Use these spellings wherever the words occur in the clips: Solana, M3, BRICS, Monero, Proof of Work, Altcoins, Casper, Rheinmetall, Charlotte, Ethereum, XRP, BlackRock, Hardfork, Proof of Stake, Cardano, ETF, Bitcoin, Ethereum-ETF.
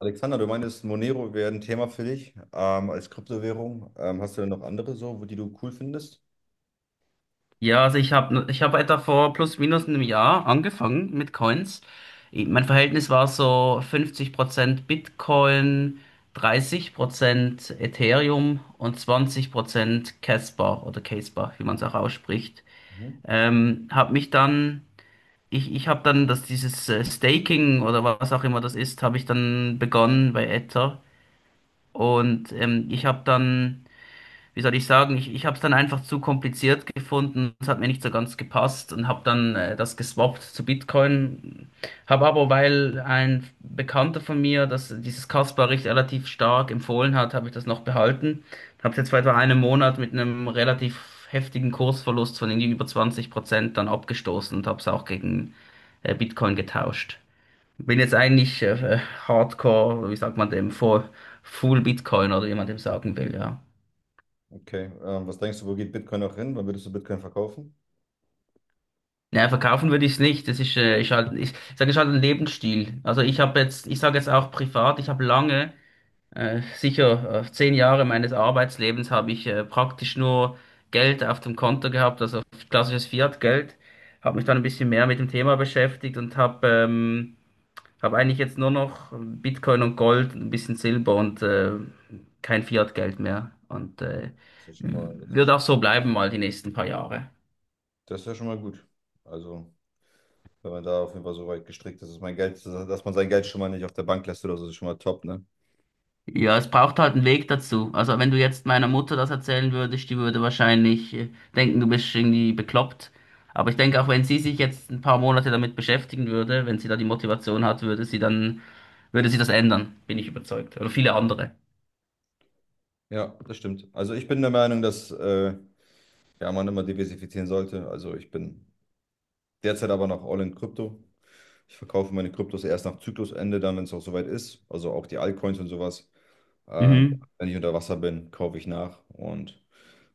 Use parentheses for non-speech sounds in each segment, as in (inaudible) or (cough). Alexander, du meintest, Monero wäre ein Thema für dich als Kryptowährung. Hast du denn noch andere so, wo die du cool findest? Ja, also ich hab etwa vor plus minus einem Jahr angefangen mit Coins. Mein Verhältnis war so 50% Bitcoin, 30% Ethereum und 20% Casper oder Casper, wie man es auch ausspricht. Mhm. Hab mich dann, ich habe dann dieses Staking oder was auch immer das ist, habe ich dann begonnen bei Ether. Und ich habe dann, wie soll ich sagen, ich habe es dann einfach zu kompliziert gefunden, es hat mir nicht so ganz gepasst und habe dann das geswappt zu Bitcoin. Habe aber, weil ein Bekannter von mir dieses Kaspar-Richt relativ stark empfohlen hat, habe ich das noch behalten. Habe es jetzt vor etwa einem Monat mit einem relativ heftigen Kursverlust von irgendwie über 20% dann abgestoßen und habe es auch gegen Bitcoin getauscht. Bin jetzt eigentlich Hardcore, wie sagt man dem, Full Bitcoin oder wie man dem sagen will, ja. Okay. Was denkst du, wo geht Bitcoin noch hin? Wann würdest du Bitcoin verkaufen? Ja, verkaufen würde ich es nicht. Das ist, ist halt, ich sage, ist halt ein Lebensstil. Also ich habe jetzt, ich sage jetzt auch privat, ich habe lange, sicher 10 Jahre meines Arbeitslebens habe ich praktisch nur Geld auf dem Konto gehabt, also klassisches Fiat-Geld. Habe mich dann ein bisschen mehr mit dem Thema beschäftigt und habe eigentlich jetzt nur noch Bitcoin und Gold, ein bisschen Silber und kein Fiat-Geld mehr. Und Ja, das ist schon mal, wird auch so bleiben mal die nächsten paar Jahre. das ist ja schon mal gut. Also, wenn man da auf jeden Fall so weit gestrickt ist, dass man sein Geld schon mal nicht auf der Bank lässt oder so, ist schon mal top, ne? Ja, es braucht halt einen Weg dazu. Also wenn du jetzt meiner Mutter das erzählen würdest, die würde wahrscheinlich denken, du bist irgendwie bekloppt. Aber ich denke, auch wenn sie sich jetzt ein paar Monate damit beschäftigen würde, wenn sie da die Motivation hat, würde sie dann, würde sie das ändern, bin ich überzeugt. Oder viele andere. Ja, das stimmt. Also ich bin der Meinung, dass ja, man immer diversifizieren sollte. Also ich bin Derzeit aber noch all in Krypto. Ich verkaufe meine Kryptos erst nach Zyklusende, dann, wenn es auch soweit ist. Also auch die Altcoins und sowas. Ähm, Mhm. wenn ich unter Wasser bin, kaufe ich nach und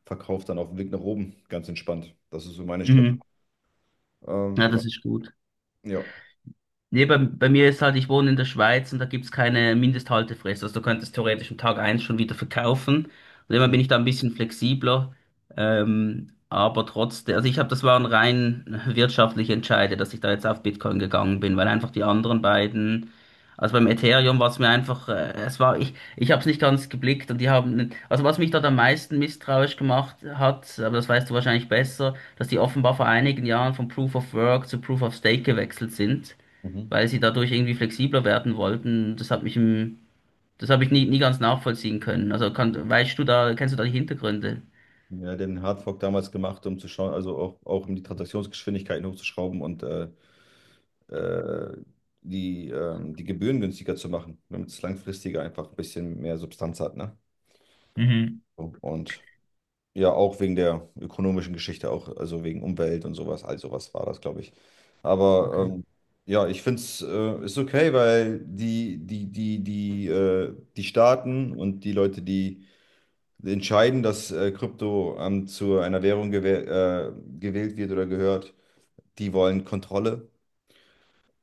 verkaufe dann auf dem Weg nach oben. Ganz entspannt. Das ist so meine Strategie. Mhm. Ja, Genau. das ist gut. Ja. Nee, bei mir ist halt, ich wohne in der Schweiz und da gibt's keine Mindesthaltefrist. Also du könntest theoretisch am Tag eins schon wieder verkaufen. Und immer bin ich da ein bisschen flexibler. Aber trotzdem, also ich habe, das waren rein wirtschaftliche Entscheide, dass ich da jetzt auf Bitcoin gegangen bin, weil einfach die anderen beiden, also beim Ethereum war es mir einfach, es war, ich habe es nicht ganz geblickt und die haben, also was mich dort am meisten misstrauisch gemacht hat, aber das weißt du wahrscheinlich besser, dass die offenbar vor einigen Jahren von Proof of Work zu Proof of Stake gewechselt sind, Mhm. weil sie dadurch irgendwie flexibler werden wollten. Das hat mich im, das habe ich nie, nie ganz nachvollziehen können. Also weißt du da, kennst du da die Hintergründe? Ja, den Hardfork damals gemacht, um zu schauen, also auch, auch um die Transaktionsgeschwindigkeiten hochzuschrauben und äh, die, die Gebühren günstiger zu machen, damit es langfristiger einfach ein bisschen mehr Substanz hat, ne? Mhm. Und ja, auch wegen der ökonomischen Geschichte, auch also wegen Umwelt und sowas, all sowas war das, glaube ich. Okay. Aber ähm, ja, ich finde es ist okay, weil die Staaten und die Leute, die entscheiden, dass Krypto zu einer Währung gewählt wird oder gehört, die wollen Kontrolle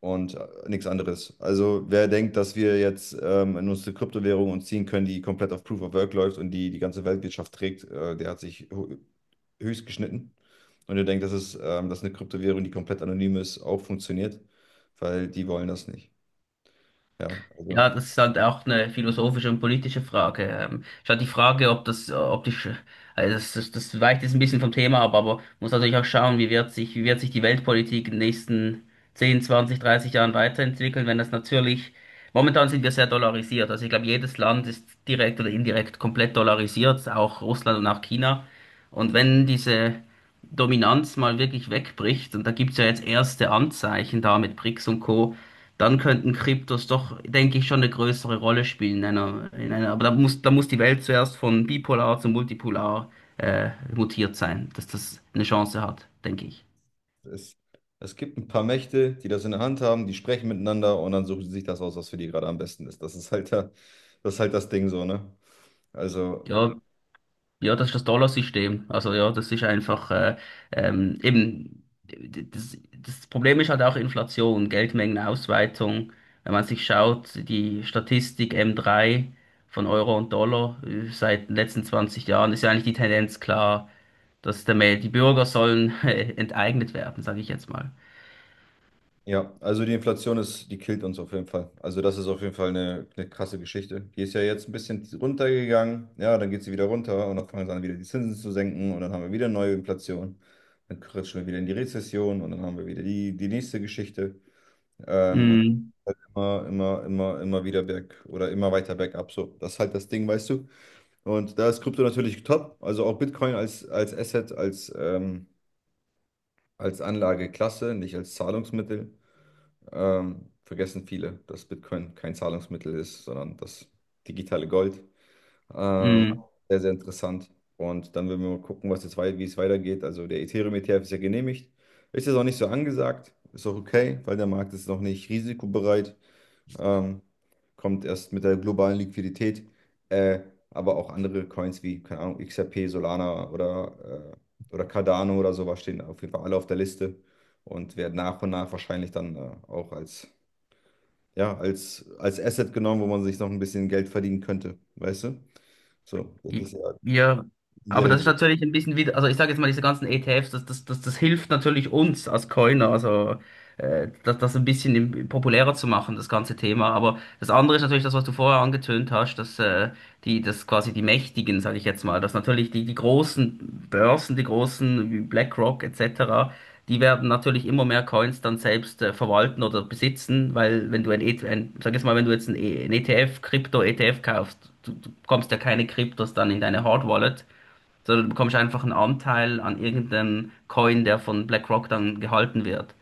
und nichts anderes. Also wer denkt, dass wir jetzt in unsere Kryptowährung uns ziehen können, die komplett auf Proof of Work läuft und die ganze Weltwirtschaft trägt, der hat sich höchst geschnitten. Und ihr denkt, dass dass eine Kryptowährung, die komplett anonym ist, auch funktioniert, weil die wollen das nicht. Ja, Ja, also das ist halt auch eine philosophische und politische Frage. Ist halt die Frage, ob ob also das weicht jetzt ein bisschen vom Thema ab, aber muss natürlich auch schauen, wie wird sich die Weltpolitik in den nächsten 10, 20, 30 Jahren weiterentwickeln, wenn das natürlich, momentan sind wir sehr dollarisiert. Also ich glaube, jedes Land ist direkt oder indirekt komplett dollarisiert, auch Russland und auch China. Und wenn diese Dominanz mal wirklich wegbricht, und da gibt's ja jetzt erste Anzeichen da mit BRICS und Co., dann könnten Kryptos doch, denke ich, schon eine größere Rolle spielen aber da muss die Welt zuerst von bipolar zu multipolar mutiert sein, dass das eine Chance hat, denke ich. es, es gibt ein paar Mächte, die das in der Hand haben, die sprechen miteinander und dann suchen sie sich das aus, was für die gerade am besten ist. Das ist halt da, das ist halt das Ding so, ne? Also Ja, ja, das ist das Dollarsystem. Also ja, das ist einfach eben das Problem ist halt auch Inflation, Geldmengenausweitung. Wenn man sich schaut, die Statistik M3 von Euro und Dollar seit den letzten 20 Jahren ist ja eigentlich die Tendenz klar, dass die Bürger sollen (laughs) enteignet werden, sage ich jetzt mal. ja, also die Inflation ist, die killt uns auf jeden Fall. Also das ist auf jeden Fall eine krasse Geschichte. Die ist ja jetzt ein bisschen runtergegangen, ja, dann geht sie wieder runter und dann fangen sie an, wieder die Zinsen zu senken und dann haben wir wieder neue Inflation. Dann rutschen wir wieder in die Rezession und dann haben wir wieder die, die nächste Geschichte. Und Mm, halt immer, immer, immer, immer wieder berg oder immer weiter bergab. So, das ist halt das Ding, weißt du. Und da ist Krypto natürlich top. Also auch Bitcoin als, als Asset, als Anlageklasse, nicht als Zahlungsmittel. Vergessen viele, dass Bitcoin kein Zahlungsmittel ist, sondern das digitale Gold. Ähm, mm. sehr, sehr interessant. Und dann werden wir mal gucken, wie es weitergeht. Also der Ethereum-ETF ist ja genehmigt. Ist jetzt auch nicht so angesagt. Ist auch okay, weil der Markt ist noch nicht risikobereit. Ähm, kommt erst mit der globalen Liquidität. Äh, aber auch andere Coins wie, keine Ahnung, XRP, Solana oder Cardano oder sowas stehen auf jeden Fall alle auf der Liste und werden nach und nach wahrscheinlich dann auch als ja, als, als Asset genommen, wo man sich noch ein bisschen Geld verdienen könnte, weißt du? So, das I- ist ja Ja, in aber das ist deren. natürlich ein bisschen wieder, also ich sage jetzt mal, diese ganzen ETFs, das hilft natürlich uns als Coiner, also das ein bisschen populärer zu machen, das ganze Thema. Aber das andere ist natürlich das, was du vorher angetönt hast, dass dass quasi die Mächtigen, sage ich jetzt mal, dass natürlich die großen Börsen, die großen wie BlackRock etc., die werden natürlich immer mehr Coins dann selbst verwalten oder besitzen, weil wenn du ein, E- T F, ein sag jetzt mal, wenn du jetzt ein ETF, Krypto-ETF kaufst, du bekommst ja keine Kryptos dann in deine Hard Wallet, sondern du bekommst einfach einen Anteil an irgendeinem Coin, der von BlackRock dann gehalten wird.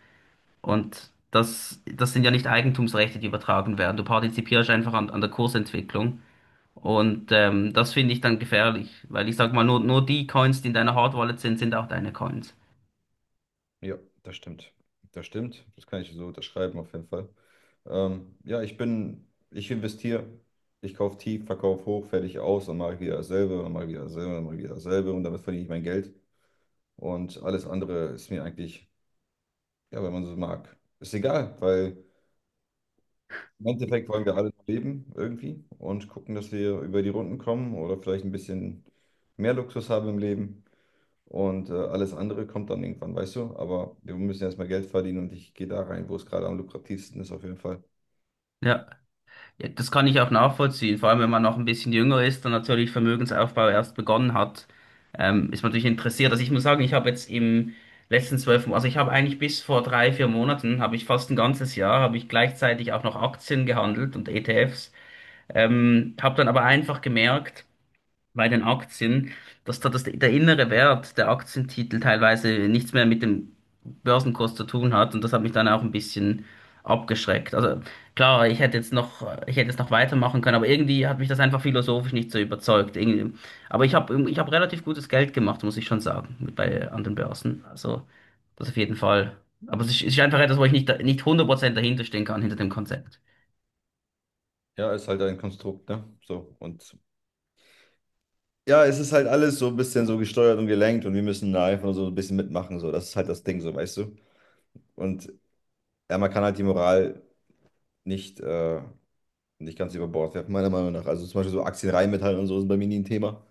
Und das sind ja nicht Eigentumsrechte, die übertragen werden. Du partizipierst einfach an der Kursentwicklung. Und das finde ich dann gefährlich, weil ich sag mal, nur die Coins, die in deiner Hard Wallet sind, sind auch deine Coins. Ja, das stimmt. Das stimmt. Das kann ich so unterschreiben, auf jeden Fall. Ja, ich investiere, ich kaufe tief, verkaufe hoch, fertig aus und mache wieder dasselbe und mache wieder dasselbe und mache wieder dasselbe und damit verdiene ich mein Geld. Und alles andere ist mir eigentlich, ja, wenn man so mag, ist egal, weil im Endeffekt wollen wir alle noch leben irgendwie und gucken, dass wir über die Runden kommen oder vielleicht ein bisschen mehr Luxus haben im Leben. Und alles andere kommt dann irgendwann, weißt du? Aber wir müssen erstmal Geld verdienen und ich gehe da rein, wo es gerade am lukrativsten ist, auf jeden Fall. Ja. Ja, das kann ich auch nachvollziehen, vor allem wenn man noch ein bisschen jünger ist und natürlich Vermögensaufbau erst begonnen hat, ist man natürlich interessiert. Also ich muss sagen, ich habe jetzt im letzten zwölf, Mo- also ich habe eigentlich bis vor 3, 4 Monaten, habe ich fast ein ganzes Jahr, habe ich gleichzeitig auch noch Aktien gehandelt und ETFs, habe dann aber einfach gemerkt, bei den Aktien, dass da das der innere Wert der Aktientitel teilweise nichts mehr mit dem Börsenkurs zu tun hat und das hat mich dann auch ein bisschen abgeschreckt. Also klar, ich hätte jetzt noch weitermachen können, aber irgendwie hat mich das einfach philosophisch nicht so überzeugt. Irgendwie. Aber ich habe relativ gutes Geld gemacht, muss ich schon sagen, mit bei anderen Börsen. Also das auf jeden Fall. Aber es ist einfach etwas, wo ich nicht 100% dahinter stehen kann, hinter dem Konzept. Ja, ist halt ein Konstrukt, ne? So. Und ja, es ist halt alles so ein bisschen so gesteuert und gelenkt und wir müssen da einfach nur so ein bisschen mitmachen. So. Das ist halt das Ding, so, weißt du? Und ja, man kann halt die Moral nicht, äh, nicht ganz über Bord werfen, meiner Meinung nach. Also zum Beispiel so Aktien, Rheinmetall und so sind bei mir nie ein Thema.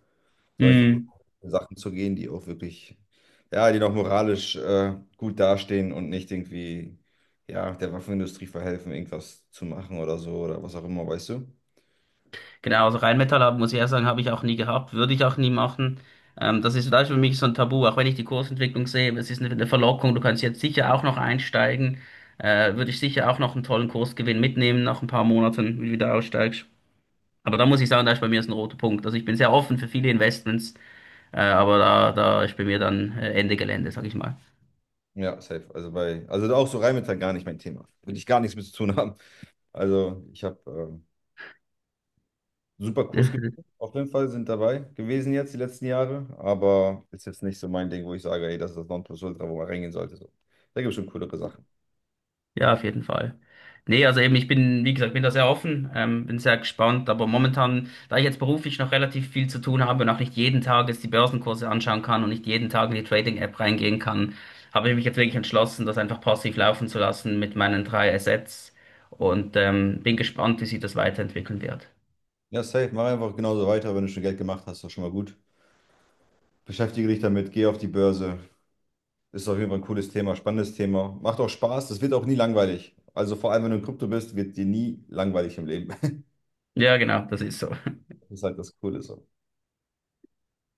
Sondern ich versuche Mm. für Sachen zu gehen, die auch wirklich, ja, die noch moralisch gut dastehen und nicht irgendwie, ja, der Waffenindustrie verhelfen, irgendwas zu machen oder so oder was auch immer, weißt du? Genau, also Rheinmetall muss ich ehrlich sagen, habe ich auch nie gehabt, würde ich auch nie machen. Das ist für mich so ein Tabu, auch wenn ich die Kursentwicklung sehe, es ist eine Verlockung, du kannst jetzt sicher auch noch einsteigen, würde ich sicher auch noch einen tollen Kursgewinn mitnehmen nach ein paar Monaten, wenn du wieder aussteigst. Aber da muss ich sagen, da ist bei mir ist ein roter Punkt. Also ich bin sehr offen für viele Investments, aber da ist bei mir dann Ende Gelände, sag ich mal. Ja, safe. Also bei, also auch so Rheinmetall gar nicht mein Thema. Will ich gar nichts mit zu tun haben. Also ich habe super Kurs gemacht. (laughs) Auf jeden Fall sind dabei gewesen jetzt die letzten Jahre, aber ist jetzt nicht so mein Ding, wo ich sage, ey, das ist das Nonplusultra, wo man reingehen sollte. So. Da gibt es schon coolere Sachen. Ja, auf jeden Fall. Nee, also eben, ich bin, wie gesagt, bin da sehr offen, bin sehr gespannt, aber momentan, da ich jetzt beruflich noch relativ viel zu tun habe und auch nicht jeden Tag jetzt die Börsenkurse anschauen kann und nicht jeden Tag in die Trading-App reingehen kann, habe ich mich jetzt wirklich entschlossen, das einfach passiv laufen zu lassen mit meinen drei Assets und bin gespannt, wie sich das weiterentwickeln wird. Ja, safe. Mach einfach genauso weiter. Wenn du schon Geld gemacht hast, ist das schon mal gut. Beschäftige dich damit, geh auf die Börse. Ist auf jeden Fall ein cooles Thema, spannendes Thema. Macht auch Spaß, das wird auch nie langweilig. Also vor allem, wenn du in Krypto bist, wird dir nie langweilig im Leben. (laughs) Ja, genau, das ist so. Das ist halt das Coole so.